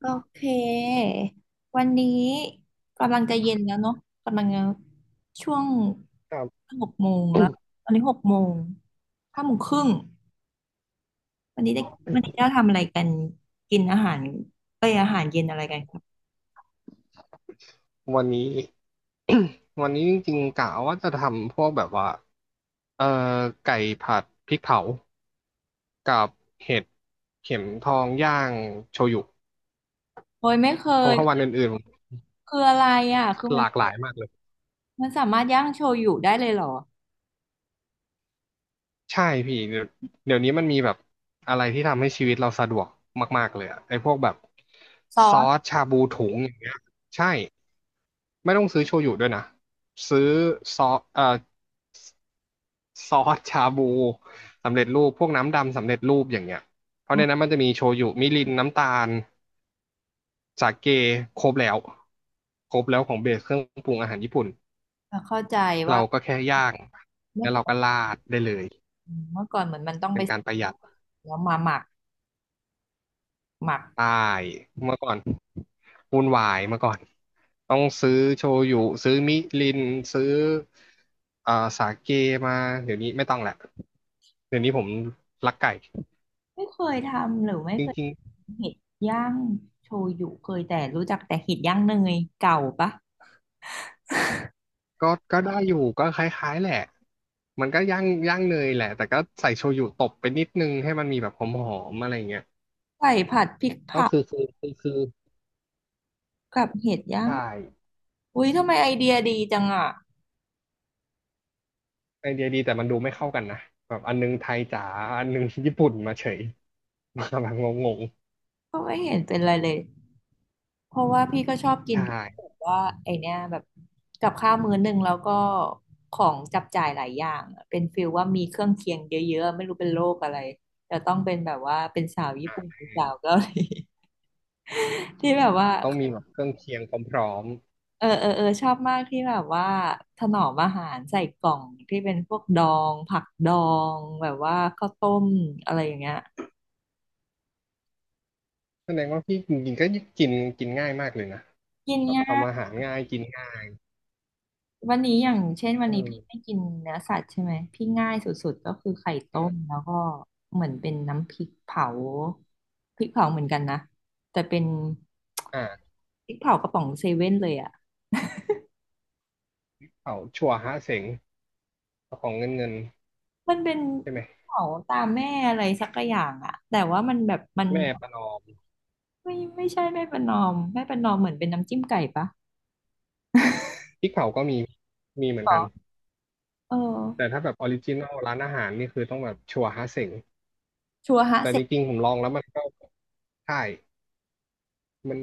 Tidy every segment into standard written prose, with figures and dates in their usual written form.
โอเค วันนี้กำลังจะเย็นแล้วเนาะกำลังจะช่วงครับ หกโมงแล้ว ตอนนี้หกโมงห้าโมงครึ่งวันนี้ได้วันนี้จะทำอะไรกันกินอาหารเอ้ยอาหารเย็นอะไรกันครับวันนี้ วันนี้จริงๆกะว่าจะทำพวกแบบว่าเอ่อไก่ผัดพริกเผากับเห็ดเข็มทองย่างโชยุโอ้ยไม่เคเพราะยว่าวันอื่นๆผมคืออะไรอ่ะคือหมันลากหลายมากเลยสามารถย่างโชยุได้เลยเหรอใช่พี่เดี๋ยวเดี๋ยวนี้มันมีแบบอะไรที่ทำให้ชีวิตเราสะดวกมากๆเลยอะไอ้พวกแบบซอซอสสชาบูถุงอย่างเงี้ยใช่ไม่ต้องซื้อโชยุด้วยนะซื้อซอสเอ่อ ซอสชาบูสำเร็จรูปพวกน้ำดำสำเร็จรูปอย่างเงี้ยเพราะอืในมนั้นมันจะมีโชยุมิรินน้ำตาลสาเกครบแล้วครบแล้วของเบสเครื่องปรุงอาหารญี่ปุ่นเข้าใจเราว่าก็แค่ย่างเมื่แล้อวเราก่อนก็ราดได้เลยเหมือนมันต้องเป็ไปนกาซื้รอประหยัดแล้วมาหมักหมัก ใช่เมื่อก่อนวุ่นวายเมื่อก่อนต้องซื้อโชยุซื้อมิรินซื้อเอ่อสาเกมาเดี๋ยวนี้ไม่ต้องแหละเดี๋ยวนี้ผมรักไก่ไม่เคยทำหรือไม่จเคยริง เห็ดย่างโชยุเคยแต่รู้จักแต่เห็ดย่างเนยเก่าปะก็ก็ได้อยู่ก็คล้ายๆแหละมันก็ย่างย่างเนยแหละแต่ก็ใส่โชยุตบไปนิดนึงให้มันมีแบบหอมๆอะไรเงี้ยไก่ผัดพริกก็เผาคือกับเห็ดย่างใช่อุ้ยทำไมไอเดียดีจังอ่ะไอเดียดีแต่มันดูไม่เข้ากันนะแบบอันนึงไทยจ๋าอันนึงญี่ปุ่นมาเฉยมาแบบงงก็ไม่เห็นเป็นไรเลยเพราะว่าพี่ก็ชอบๆกินใช่แบบว่าไอเนี้ยแบบกับข้าวมื้อหนึ่งแล้วก็ของจับจ่ายหลายอย่างอะเป็นฟิลว่ามีเครื่องเคียงเยอะๆไม่รู้เป็นโรคอะไรแต่ต้องเป็นแบบว่าเป็นสาวญี่ปุ่นอ่หรือสาวเกาหลี ที่แบบว่า ต้องมีแบบเครื่องเคียงพร้อมเออเออเออชอบมากที่แบบว่าถนอมอาหารใส่กล่องที่เป็นพวกดองผักดองแบบว่าข้าวต้มอะไรอย่างเงี้ยๆแสดงว่าพี่จริงๆก็กินกินง่ายมากเลยนะกินแบบง่าทำอายหารง่ายกินง่ายวันนี้อย่างเช่นวันเอนี้อพี่ไม่กินเนื้อสัตว์ใช่ไหมพี่ง่ายสุดๆก็คือไข่อ่ต้มาแล้วก็เหมือนเป็นน้ำพริกเผาพริกเผาเหมือนกันนะแต่เป็นอ่าพริกเผากระป๋องเซเว่นเลยอ่ะเขาชัวฮะเสงของเงินเงินมันเป็นใช่พไหริมกเผาตามแม่อะไรสักอย่างอ่ะแต่ว่ามันแบบมัน แม่ประนอม ไม่ไม่ใช่ไม่ประนอมเหมือนเป็นน้ำจิ้มไก่ปะพริกเผาก็มีมีเหมืหอนรกันอเอแต่อถ้าแบบออริจินอลร้านอาหารนี่คือต้องแบบชัวร์ฮาเส็งชัวฮะแต่เสจกริงๆผมลองแล้วมันก็ใช่มัน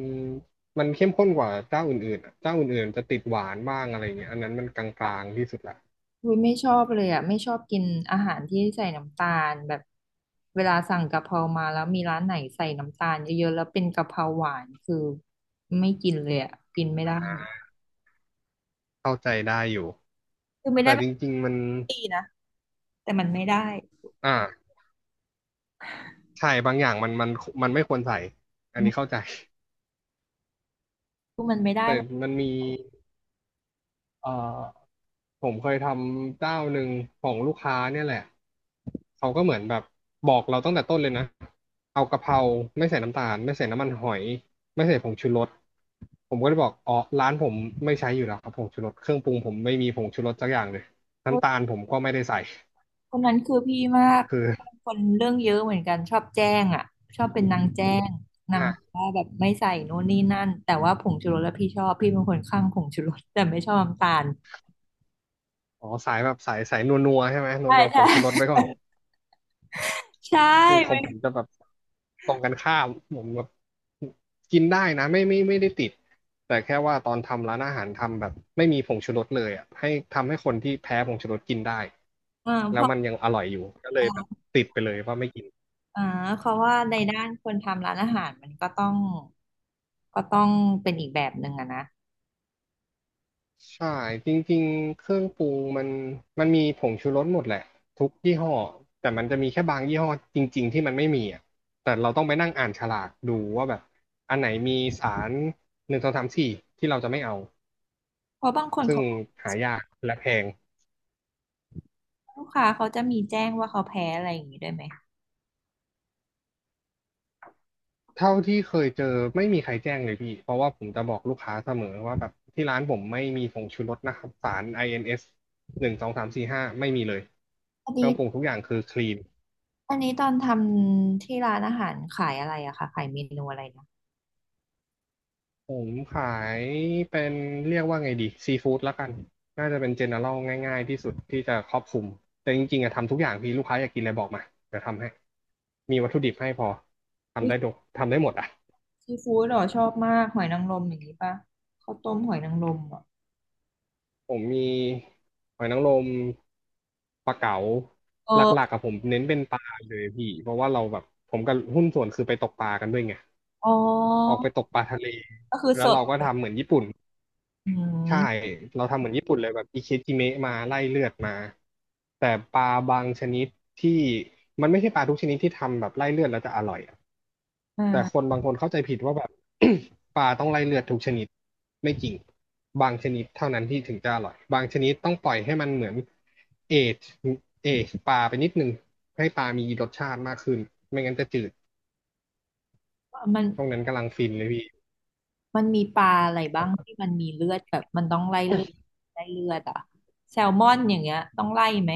มันเข้มข้นกว่าเจ้าอื่นๆอะเจ้าอื่นๆจะติดหวานบ้างอะไรเงี้ยอันนั้นมันกลางๆที่สุดละคุยไม่ชอบเลยอ่ะไม่ชอบกินอาหารที่ใส่น้ำตาลแบบเวลาสั่งกะเพรามาแล้วมีร้านไหนใส่น้ำตาลเยอะๆแล้วเป็นกะเพราหวานคือไม่กินเลยอ่ะกินไม่ได้เข้าใจได้อยู่คือไม่ได้แต่จไม่ริงๆมันดีนะแต่มันไม่ได้อ่าใช่บางอย่างมันไม่ควรใส่อันนี้เข้าใจ คือมันไม่ ได้แต่เลย มันมีเอ่อ ผมเคยทำเจ้าหนึ่งของลูกค้าเนี่ยแหละ เขาก็เหมือนแบบบอกเราตั้งแต่ต้นเลยนะ เอากะเพราไม่ใส่น้ำตาลไม่ใส่น้ำมันหอยไม่ใส่ผงชูรสผมก็เลยบอกอ๋อร้านผมไม่ใช้อยู่แล้วครับผงชูรสเครื่องปรุงผมไม่มีผงชูรสสักอย่างเลยน้ำตาลผมก็ไม่ได้ใส่คนนั้นคือพี่มากคือคนเรื่องเยอะเหมือนกันชอบแจ้งอ่ะชอบเป็นนางแจ้งนางอ่าว่าแบบไม่ใส่โน่นนี่นั่นแต่ว่าผงชูรสแล้วพี่ชอบพี่เป็นคนข้างผงชูรสแต่ไม่ชอบน้ำตาลอ๋อสายแบบสายนัวๆใช่ไหมใช่นัวๆผใช่ งชูรสไว้ก่อน ใช่ขอเป็งผมนจะแบบ ตรงกันข้ามผมแบบกินได้นะไม่ได้ติดแต่แค่ว่าตอนทำร้านอาหารทำแบบไม่มีผงชูรสเลยอ่ะให้ทำให้คนที่แพ้ผงชูรสกินได้อ่าเพแล้วราะมันยังอร่อยอยู่ก็เลยแบบติดไปเลยว่าไม่กินอ่าเพราะว่าในด้านคนทำร้านอาหารมันก็ต้องก็ต้องเป็นอีกแบบหนึ่งอะนะใช่จริงๆเครื่องปรุงมันมันมีผงชูรสหมดแหละทุกยี่ห้อแต่มันจะมีแค่บางยี่ห้อจริงๆที่มันไม่มีอ่ะแต่เราต้องไปนั่งอ่านฉลากดูว่าแบบอันไหนมีสารหนึ่งสองสามสี่ที่เราจะไม่เอาเพราะบางคนซึ่งเขาหายากและแพง ลูกค้าเขาจะมีแจ้งว่าเขาแพ้อะไรอย่างนี้ด้วยไหมเท่าที่เคยเจอไม่มีใครแจ้งเลยพี่ เพราะว่าผมจะบอกลูกค้าเสมอว่าแบบที่ร้านผมไม่มีผงชูรสนะครับสาร INS 1 2 3 4 5ไม่มีเลยอันเคนี้รื่องปรุงทุกอย่างคือคลีนอันนี้ตอนทำที่ร้านอาหารขายอะไรอะคะขายเมนูอะไรนะ ผมขายเป็นเรียกว่าไงดีซีฟู้ดละกันน่าจะเป็นเจเนอรัลง่ายๆที่สุดที่จะครอบคลุม แต่จริงๆอะทำทุกอย่างพี่ลูกค้าอยากกินอะไรบอกมาเดี๋ยวทำให้มีวัตถุดิบให้พอทำได้ดกทำได้หมดอะ ซีฟู้ดเหรอชอบมากหอยนางรมอย่างนี้ป่ะข้าวต้มหอยนางรมอ่ะผมมีหอยนางรมปลาเก๋าเออหลักๆกับผมเน้นเป็นปลาเลยพี่เพราะว่าเราแบบผมกับหุ้นส่วนคือไปตกปลากันด้วยไงอ๋อออกไปตกปลาทะเลก็คือสแล้วดเราก็ทำเหมือนญี่ปุ่นอืใช่มเราทำเหมือนญี่ปุ่นเลยแบบอิเคจิเมะมาไล่เลือดมาแต่ปลาบางชนิดที่มันไม่ใช่ปลาทุกชนิดที่ทำแบบไล่เลือดแล้วจะอร่อยอะ แต่คนอ่าบางคนเข้าใจผิดว่าแบบ ปลาต้องไล่เลือดทุกชนิดไม่จริงบางชนิดเท่านั้นที่ถึงจะอร่อยบางชนิดต้องปล่อยให้มันเหมือนเอจเอจปลาไปนิดนึงให้ปลามีรสชาติมากขึ้นไม่งั้นจะจืดมันช่วงนั้นกำลังฟินเลยพี่มีปลาอะไรบ้างที่มันมีเลือดแบบมันต้องไล่เลือดไล่เลือดอ่ะแซลมอนอย่างเงี้ยต้องไล่ไหม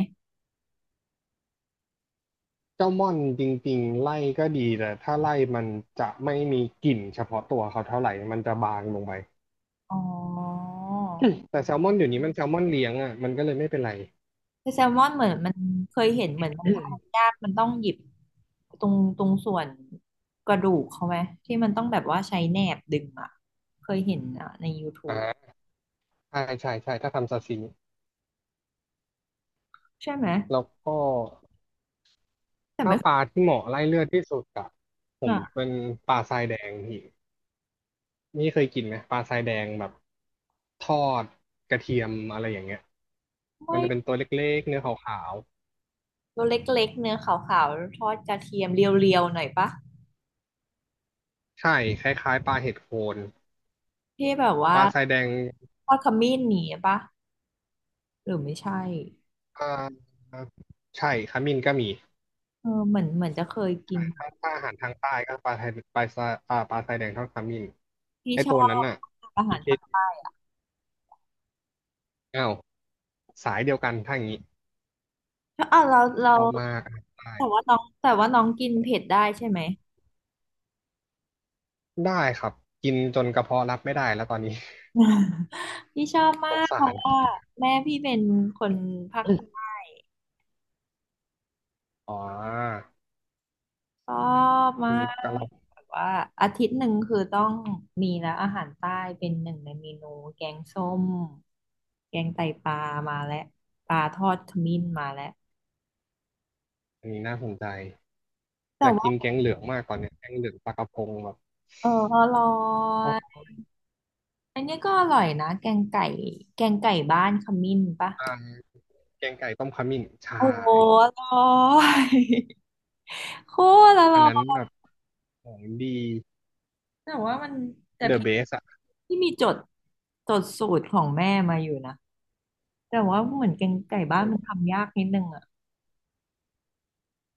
เจ้าม่อนจริงๆไล่ก็ดีแต่ถ้าไล่มันจะไม่มีกลิ่นเฉพาะตัวเขาเท่าไหร่มันจะบางลงไป อ๋อ แต่แซลมอนอยู่นี้มันแซลมอนเลี้ยงอ่ะมันก็เลยไม่เป็นไรแต่แซลมอนเหมือนมันเคยเห็นเหมือนมันทอดยากมันต้องหยิบตรงส่วนกระดูกเขาไหมที่มันต้องแบบว่าใช้แหนบดึงอ่ะเคยเห็นอ่ะใน YouTube อ่าใช่ใช่ใช่ถ้าทำซาซิมิใช่ไหมแล้วก็ แต่ถ้าไม่เคปยลาที่เหมาะไล่เลือดที่สุดอะผมอ่ะ เป็นปลาทรายแดงพี่นี่เคยกินไหมปลาทรายแดงแบบทอดกระเทียมอะไรอย่างเงี้ยมัไม่นจะเป็นตัวเล็กๆเนื้อขาวตัวเล็กๆเนื้อขาวๆทอดกระเทียมเรียวๆหน่อยปะๆใช่คล้ายๆปลาเห็ดโคนที่แบบปว่าลาทรายแดงทอดขมิ้นหนีปะ หรือไม่ใช่อ่าใช่ขมิ้นก็มีเออเหมือนจะเคยกิน ถ้าอาหารทางใต้ก็ปลาไทยปลาทรายปลาทรายแดงทอดขมิ้นพี่ไอชอตัวนั้นบน่ะอาหาอีรเคภาคใต้อ้าวสายเดียวกันถ้าอย่างงี้อ่ะเราชอบมากอาหารใต้แต่ว่าน้องกินเผ็ดได้ใช่ไหม ได้ครับกินจนกระเพาะรับไม่ได้แล้วตอนนี้ พี่ ชอบสมางกเพสาราะรว่าแม่พี่เป็นคนภาคใต้ อ๋อชอบอืมามกะหกล่แบบว่าอาทิตย์หนึ่งคือต้องมีแล้วอาหารใต้เป็นหนึ่งในเมนูแกงส้มแกงไตปลามาแล้วปลาทอดขมิ้นมาแล้วำอันนี้น่าสนใจอแต่ยากกินแกว่างเหลืองมากตอนเนี้ยแกงเหลืองปลากระพงแบบเอออร่ออ๋อยอันนี้ก็อร่อยนะแกงไก่แกงไก่บ้านขมิ้นปะอ่าแกงไก่ต้มขมิ้นใช่ โอ้โหอร่อย โคตรออัร่นอนั้นแบยบของดีแต่ว่ามันแต่เดอะพี่เบสอะที่มีจดสูตรของแม่มาอยู่นะแต่ว่าเหมือนแกงไก่บ้านมันทำยากนิดนึงอะ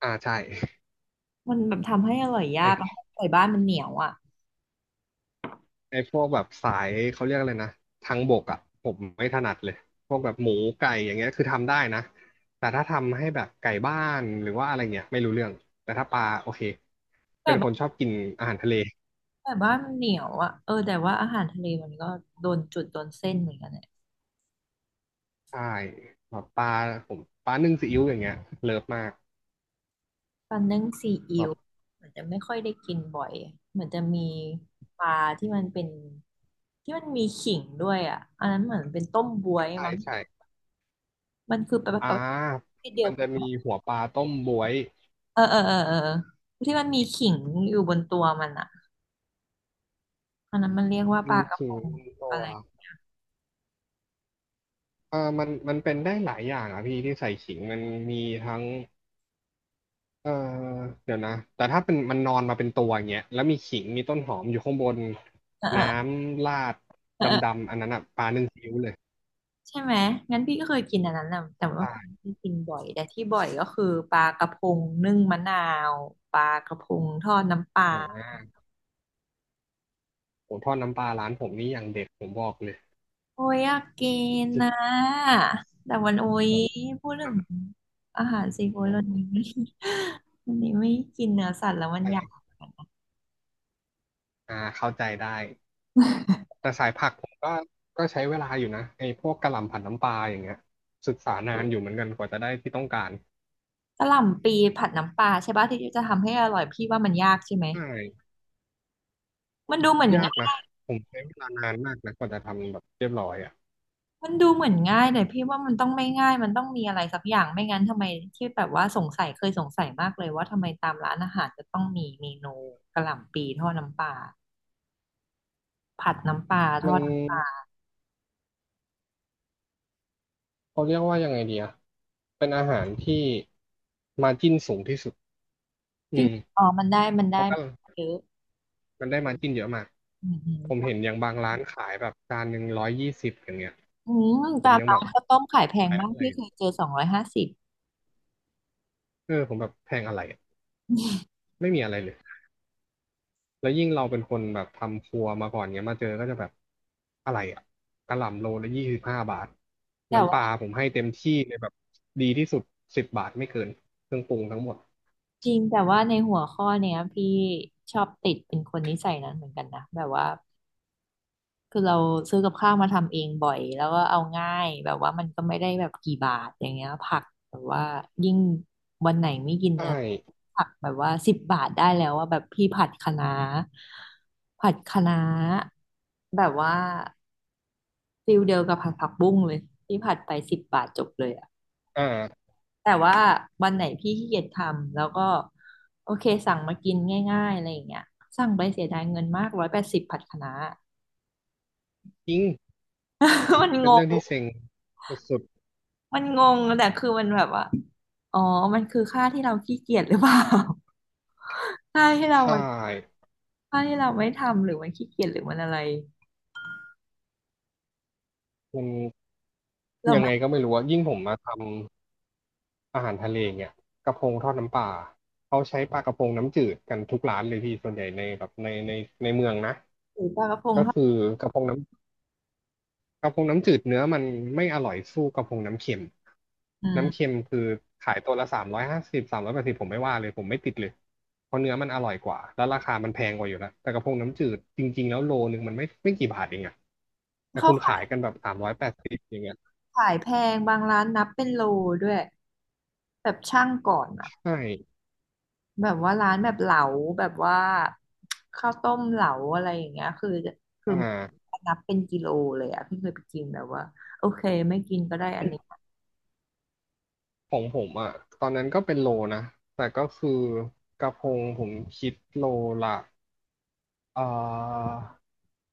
อ่าใช่มันแบบทำให้อร่อยยากอะไอไก่บ้านมันเหนียวอ่ะไอพวกแบบสายเขาเรียกอะไรนะทางบกอะผมไม่ถนัดเลย พวกแบบหมูไก่อย่างเงี้ยคือทำได้นะแต่ถ้าทำให้แบบไก่บ้านหรือว่าอะไรเงี้ยไม่รู้เรื่องแต่ถ้าปลาโอเคเป็ไก่นคบ้านนชอบกินอาหารทะเล มันเหนียวอ่ะเออแต่ว่าอาหารทะเลมันก็โดนจุดโดนเส้นเหมือนกันเนี่ยใช่แบบปลาผมปลานึ่งซีอิ๊วอย่างเงี้ยเลิฟมากปลานึ่งซีอิ๊วแบบเหมือนจะไม่ค่อยได้กินบ่อยเหมือนจะมีปลาที่มันเป็นที่มันมีขิงด้วยอ่ะอันนั้นเหมือนเป็นต้มบวยใช่มั้งใช่มันคือปลาอ่าที่เดียมัวนกัจะมีนหัวปลาต้มบวยเออเออเออเออที่มันมีขิงอยู่บนตัวมันอ่ะอันนั้นมันเรียกว่าปมีลากระพขิงงลงตัอะวไรเออมันเป็นได้หลายอย่างอ่ะพี่ที่ใส่ขิงมันมีทั้งเออเดี๋ยวนะแต่ถ้าเป็นมันนอนมาเป็นตัวอย่างเงี้ยแล้วมีขิงมีต้นหอมอยู่ข้างบนน้เออำราดดเออ ำๆอันนั้นอ่ะปลานึ่งซีอิ๊วเลยใช่ไหมงั้นพี่ก็เคยกินอันนั้นนะแต่ว่าคงใช่ไม่ได้กินบ่อยแต่ที่บ่อยก็คือปลากระพงนึ่งมะนาวปลากระพงทอดน้ำปลาอ่าผมทอดน้ำปลาร้านผมนี่อย่างเด็ดผมบอกเลยโอ้ยอยากกินจรินะ งแต่วันโอ้ยแบบพูดถึน้งอาหารซีฟู้ดวันนี้ไม่ วันนี้ไม่กินเนื้อสัตว์แล้วมัำนปลอยากาเข้าใจได้ แต่สายผักผมก็ใช้เวลาอยู่นะไอ้พวกกะหล่ำผัดน้ำปลาอย่างเงี้ยศึกษานานอยู่เหมือนกันกว่าจะได้ที่ต้องการกะหล่ำปีผัดน้ำปลาใช่ปะที่จะทำให้อร่อยพี่ว่ามันยากใช่ไหมใช่มันดูเหมือน ยากนะผมใช้เวลานานมากนะกว่าจะทำแบบเรียบร้อยอ่ะมันดูเหมือนง่ายแต่พี่ว่ามันต้องไม่ง่ายมันต้องมีอะไรสักอย่างไม่งั้นทำไมที่แบบว่าสงสัยเคยสงสัยมากเลยว่าทำไมตามร้านอาหารจะต้องมีเมนูกะหล่ำปีทอดน้ำปลาผัดน้ำปลาทมัอนดน้ำปลาเขาเรียกว่ายังไงดีอะเป็นอาหารที่มาร์จิ้นสูงที่สุดจอืริงมอ๋อมันได้มันเพได้ราะก็เยอะมันได้มาร์จิ้นเยอะมากอืมอืมผมเห็นอย่างบางร้านขายแบบจาน120อย่างเงี้ยอืมผตามมยังร้าแบนบข้าวต้มขายแพงขายมากอะไรพี่เคยเจอสองร้อยห้าสิบเออผมแบบแพงอะไรอะไม่มีอะไรเลย แล้วยิ่งเราเป็นคนแบบทำครัวมาก่อนเงี้ยมาเจอก็จะแบบอะไรอ่ะกะหล่ำโลละ25 บาทแต่น้ำปลาว่าผมให้เต็มที่เลยแบบดีที่สุด10 บาทไม่เกินเครื่องปรุงทั้งหมดจริงแต่ว่าในหัวข้อเนี้ยพี่ชอบติดเป็นคนนิสัยนั้นเหมือนกันนะแบบว่า คือเราซื้อกับข้าวมาทำเองบ่อยแล้วก็เอาง่ายแบบว่ามันก็ไม่ได้แบบกี่บาทอย่างเงี้ยผักแบบว่ายิ่งวันไหนไม่กินใช่เนื้อผักแบบว่าสิบบาทได้แล้วว่าแบบพี่ผัดคะน้าแบบว่าฟิลเดียวกับผัดผักบุ้งเลยพี่ผัดไปสิบบาทจบเลยอะอ่าแต่ว่าวันไหนพี่ขี้เกียจทำแล้วก็โอเคสั่งมากินง่ายๆอะไรอย่างเงี้ยสั่งไปเสียดายเงินมากร้อยแปดสิบผัดคะน้า จริง มันเป็งนเรื่อง งที่เซ็งสุดมันงงแต่คือมันแบบว่าอ๋อมันคือค่าที่เราขี้เกียจหรือเปล่า ค่าที่เราๆใช่ค่าที่เราไม่ทำหรือมันขี้เกียจหรือมันอะไรมันเรายังไม่ไงก็ไม่รู้อะยิ่งผมมาทำอาหารทะเลเงี่ยกระพงทอดน้ำปลาเขาใช้ปลากระพงน้ำจืดกันทุกร้านเลยพี่ส่วนใหญ่ในในเมืองนะถือปลากระพงก็เข้าคือกระพงน้ กระพงน้ำจืดเนื้อมันไม่อร่อยสู้กระพงน้ำเค็มอืน้ำมเค็มคือขายตัวละ350สามร้อยแปดสิบผมไม่ว่าเลยผมไม่ติดเลยเพราะเนื้อมันอร่อยกว่าแล้วราคามันแพงกว่าอยู่แล้วแต่กระพงน้ำจืดจริงๆแล้วโลนึงมันไม่กี่บาทเองอะแต่เขาคุณขาขายยกันแบบสามร้อยแปดสิบอย่างเงี้ยขายแพงบางร้านนับเป็นโลด้วยแบบช่างก่อนอะใช่แบบว่าร้านแบบเหลาแบบว่าข้าวต้มเหลาอะไรอย่างเงี้ยคืออ่านับเป็นกิโลเลยอะพี่เคยไปกินแบบว่าโอเคไม่กินก็ได้อันนี้ของผมอะตอนนั้นก็เป็นโลนะแต่ก็คือกระพงผมคิดโลละเอ่อ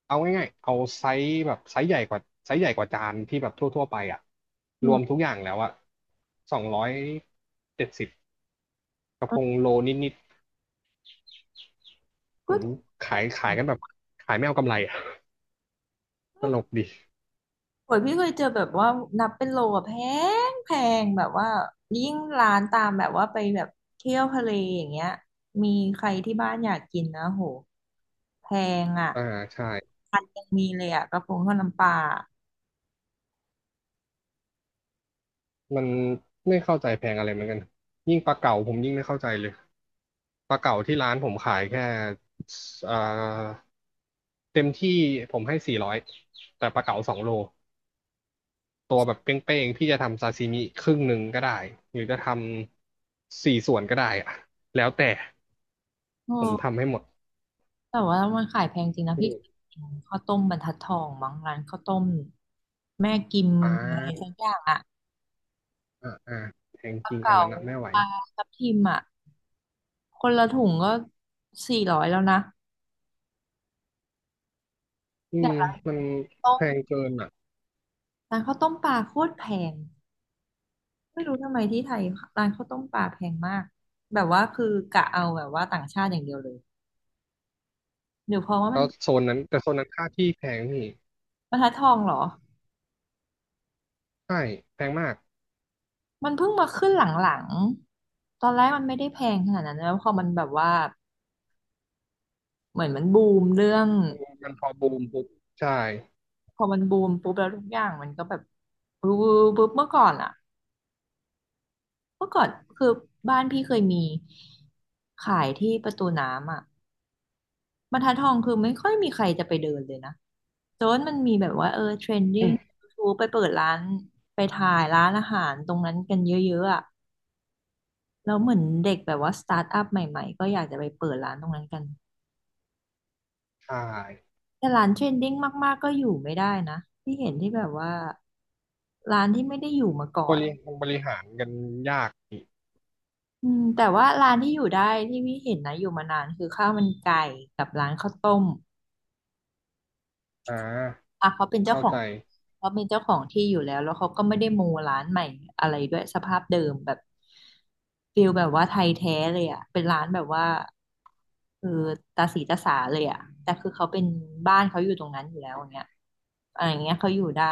เอาง่ายๆเอาไซส์แบบไซส์ใหญ่กว่าจานที่แบบทั่วๆไปอ่ะอืรวมมทุกอย่างแล้วอ่ะ270กระพงโลนิดๆถึงก็ ขายกันแบบขายไม่เอากำไรอ่ะ ตลกดีโอ้ยพี่เคยเจอแบบว่านับเป็นโลอะแพงแบบว่ายิ่งร้านตามแบบว่าไปแบบเที่ยวทะเลอย่างเงี้ยมีใครที่บ้านอยากกินนะโหแพงอ่ะอ่าใช่ยังมีเลยอ่ะกระพงทอดน้ำปลามันไม่เข้าใจแพงอะไรเหมือนกันยิ่งปลาเก๋าผมยิ่งไม่เข้าใจเลยปลาเก๋าที่ร้านผมขายแค่อ่าเต็มที่ผมให้400แต่ปลาเก๋า2 โล ตัวแบบเป้งๆพี่จะทำซาซิมิครึ่งหนึ่งก็ได้หรือจะทำสี่ส่วนก็ได้อะแล้วแต่โอ้ผมทำให้หมดแต่ว่ามันขายแพงจริงนะอืพี่เคมยกินข้าวต้มบรรทัดทองมั้งร้านข้าวต้มแม่กิมอ่อะไรสัากอย่างอ่ะอ่าแพงปลาจริงอันเก๋านั้นอะไม่ไหวปลาทับทิมอ่ะคนละถุงก็สี่ร้อยแล้วนะอืแบมบละมันต้แพมงเกินอ่ะร้านข้าวต้มปลาโคตรแพง ไม่รู้ทำไมที่ไทยร้านข้าวต้มปลาแพงมากแบบว่าคือกะเอาแบบว่าต่างชาติอย่างเดียวเลยหรือเพราะว่ามัแล้นวโซนนั้นแต่โซนนั้นค่าที่แพงนี่บรรทัดทองเหรอใช่แพงมากมันเพิ่งมาขึ้นหลังๆตอนแรกมันไม่ได้แพงขนาดนั้นแล้วพอมันแบบว่าเหมือนมันบูมเรื่องมันมันพอบูมปุ๊บใช่พอมันบูมปุ๊บแล้วทุกอย่างมันก็แบบปุ๊บปุ๊บเมื่อก่อนอะเมื่อก่อนคือบ้านพี่เคยมีขายที่ประตูน้ำอะ บรรทัดทองคือไม่ค่อยมีใครจะไปเดินเลยนะโจนมันมีแบบว่าเออเทรนดิ้อืงมทูไปเปิดร้านไปถ่ายร้านอาหารตรงนั้นกันเยอะๆอ่ะแล้วเหมือนเด็กแบบว่าสตาร์ทอัพใหม่ๆก็อยากจะไปเปิดร้านตรงนั้นกันใช่แต่ร้านเทรนดิ้งมากๆก็อยู่ไม่ได้นะที่เห็นที่แบบว่าร้านที่ไม่ได้อยู่มาก่บอนริบริหารกันยากอีกอืมแต่ว่าร้านที่อยู่ได้ที่พี่เห็นนะอยู่มานานคือข้าวมันไก่กับร้านข้าวต้ม อ่าอ่ะเขาเป็นเจ้าเข้าของใจเขาเป็นเจ้าของที่อยู่แล้วแล้วเขาก็ไม่ได้โมร้านใหม่อะไรด้วยสภาพเดิมแบบฟิลแบบว่าไทยแท้เลยอ่ะเป็นร้านแบบว่าเออตาสีตาสาเลยอ่ะแต่คือเขาเป็นบ้านเขาอยู่ตรงนั้นอยู่แล้วอย่างเงี้ยอะไรอย่างเงี้ยเขาอยู่ได้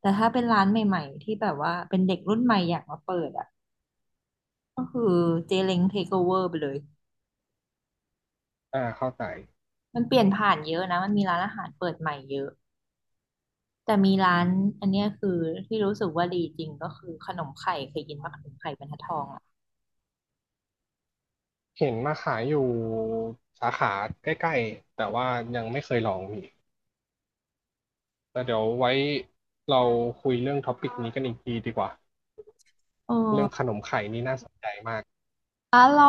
แต่ถ้าเป็นร้านใหม่ๆที่แบบว่าเป็นเด็กรุ่นใหม่อยากมาเปิดอ่ะก็คือเจเล้งเทคโอเวอร์ไปเลยอ่าเข้าใจ มันเปลี่ยนผ่านเยอะนะมันมีร้านอาหารเปิดใหม่เยอะ แต่มีร้านอันเนี้ยคือที่รู้สึกว่าดีจริงก็คือขนมไข่เคยกินปะขนมไข่บรรทัดทองอ่ะเห็นมาขายอยู่สาขาใกล้ๆ แต่ว่ายังไม่เคยลองพี่แต่เดี๋ยวไว้เราคุยเรื่องท็อปิกนี้กันอีกทีดีกว่าเออเรื่องขนมไข่นี่น่าสนใจมากอร่อ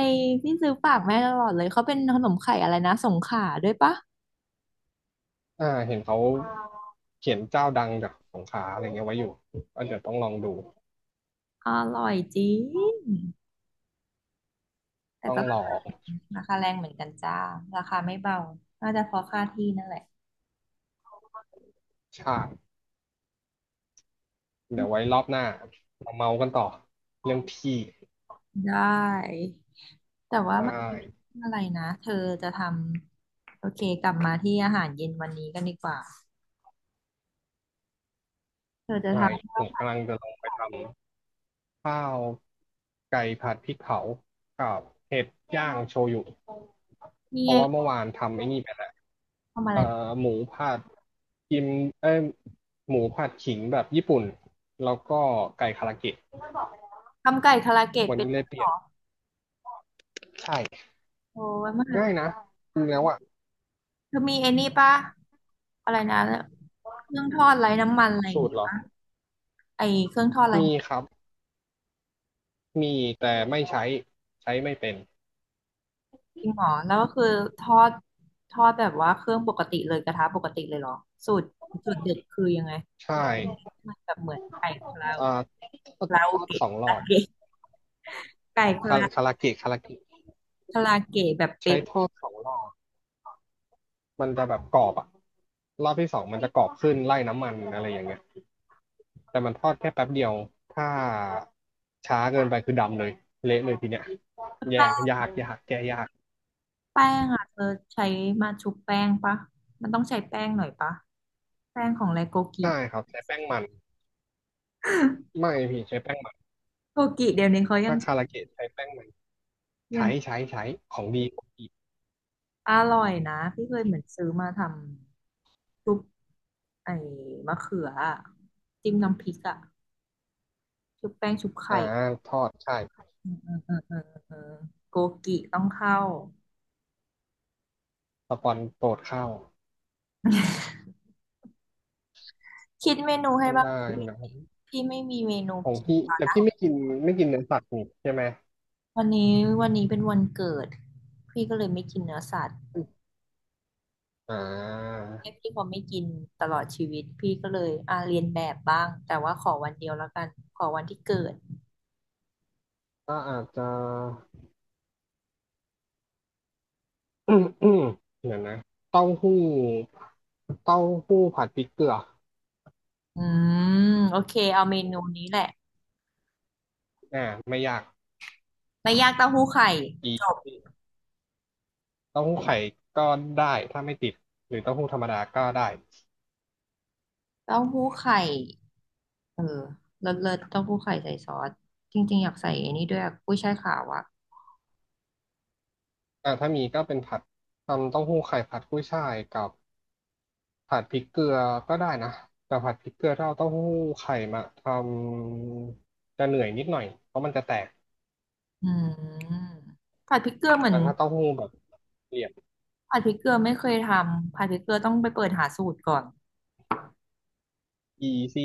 ยพี่ซื้อฝากแม่ตลอดเลยเขาเป็นขนมไข่อะไรนะสงขลาด้วยปะเห็นเขาเขียนเจ้าดังจากสงขลาอะไรเงี้ยไว้อยู่ก็เดี๋ยวต้องลองดู อร่อยจริงแต่ต้องก็ลองราคาแรงเหมือนกันจ้าราคาไม่เบาน่าจะเพราะค่าที่นั่นแหละใช่เดี๋ยวไว้รอบหน้ามาเมากันต่อเรื่องที่ได้แต่ว่าไดเมื่อ้กี้อะไรนะเธอจะทำโอเคกลับมาที่อาหารเย็นวันนี้กันดีกว่าเธอจะได้ทำผข้าวมผักำลังดจะลองไปทำข้าวไก่ผัดพริกเผากับเห็ดย่างโชยุ นี่เพราะว่าไงเมื่อวานทำไอ้นี่ไปแล้วทำอะไร เอ่อหมูผัดกิมเอ้ยหมูผัดขิงแบบญี่ปุ่นแล้วก็ไก่คาราเกะทำไก่คาราเกะวันเป็นนี้เลด้ยวยเปเหรลี่ยนอใช่โอ้ยมันอาจง่าจะยนะจริงแล้วอะเธอมีไอ้นี่ปะอะไรนะเครื่องทอดไร้น้ำมันอะไรอย่าสูงตรเงี้ยเหรอปะไอ้เครื่องทอดไร้มีน้ำมัคนรับมีแต่ไม่ใช้ใช้ไม่เป็นจริงเหรอแล้วก็คือทอดทอดแบบว่าเครื่องปกติเลยกระทะปกติเลยเหรอสูตรสูตรเด็ดคือยังไงใช่มันแบบเหมือนไก่คาราอ่คาาราทโออดสเกะองคารราอบเกะไก่คาราคาราเกะคาราเกะแบบใช้เป๊ะทอดสองรอบมันจะแบบกรอบอะรอบที่สองมันจะกรอบขึ้นไล่น้ำมันอะไรอย่างเงี้ย แต่มันทอดแค่แป๊บเดียวถ้าช้าเกินไปคือดำเลยเละเลยทีเนี้ยแยแป้กงยากแก้ยากแป้งอ่ะเธอใช้มาชุบแป้งปะมันต้องใช้แป้งหน่อยปะแป้งของไรโกกิใช่ครับใช้แป้งมันไม่พี่ใช้แป้งมันโกกิเดี๋ยวนี้เขายัถ้าง คาราเกะใช้แป้งมันยังใช้ของดีอร่อยนะพี่เคยเหมือนซื้อมาทำชุบไอ้มะเขืออะจิ้มน้ำพริกอะชุบแป้งชุบอ่าไข่ทอดใช่เออโกกิต้องเข้าสปอนโปรดเข้าคิดเมนูให้บ้างได้สินะครับพี่ไม่มีเมนูของกินพี่ตอนแต่นะพี่ไม่กินไม่กินเนื้อสัตว์นี่ใช่ไหมวันนี้วันนี้เป็นวันเกิดพี่ก็เลยไม่กินเนื้อสัตว์อ่าแค่พี่พอไม่กินตลอดชีวิตพี่ก็เลยเรียนแบบบ้างแต่ว่าขอวันเดียวแล้วกันขอวันที่เกิดก็อาจจะ อืมเดี๋ยวนะเต้าหู้เต้าหู้ผัดพริกเกลืออืมโอเคเอาเมนูนี้แหละ อ่าไม่ยาก ไม่ยากเต้าหู้ไข่จบเต้าหู้ไข่ก็ได้ถ้าไม่ติดหรือเต้าหู้ธรรมดาก็ได้เต้าหู้ไข่เออเลิศเลิศเต้าหู้ไข่ใส่ซอสจริงๆอยากใส่ไอันนี้ด้วยอะกุ้ยช่ายขาวอะแต่าถ้ามีก็เป็นผัดทำเต้าหู้ไข่ผัดกุ้ยช่ายกับผัดพริกเกลือก็ได้นะแต่ผัดพริกเกลือถ้าเอาเต้าหู้ไข่มาทำจะเหนื่อยนิดหน่อยเพราะมันจะแตกอืมผัดพริกเกลือเหมือนแต่ถ้าเต้าหู้แบบเหลี่ยม ผัดพริกเกลือไม่เคยทำผัดพริกเกลือต้องไปเปิดหาสูตรก่อน e ีซี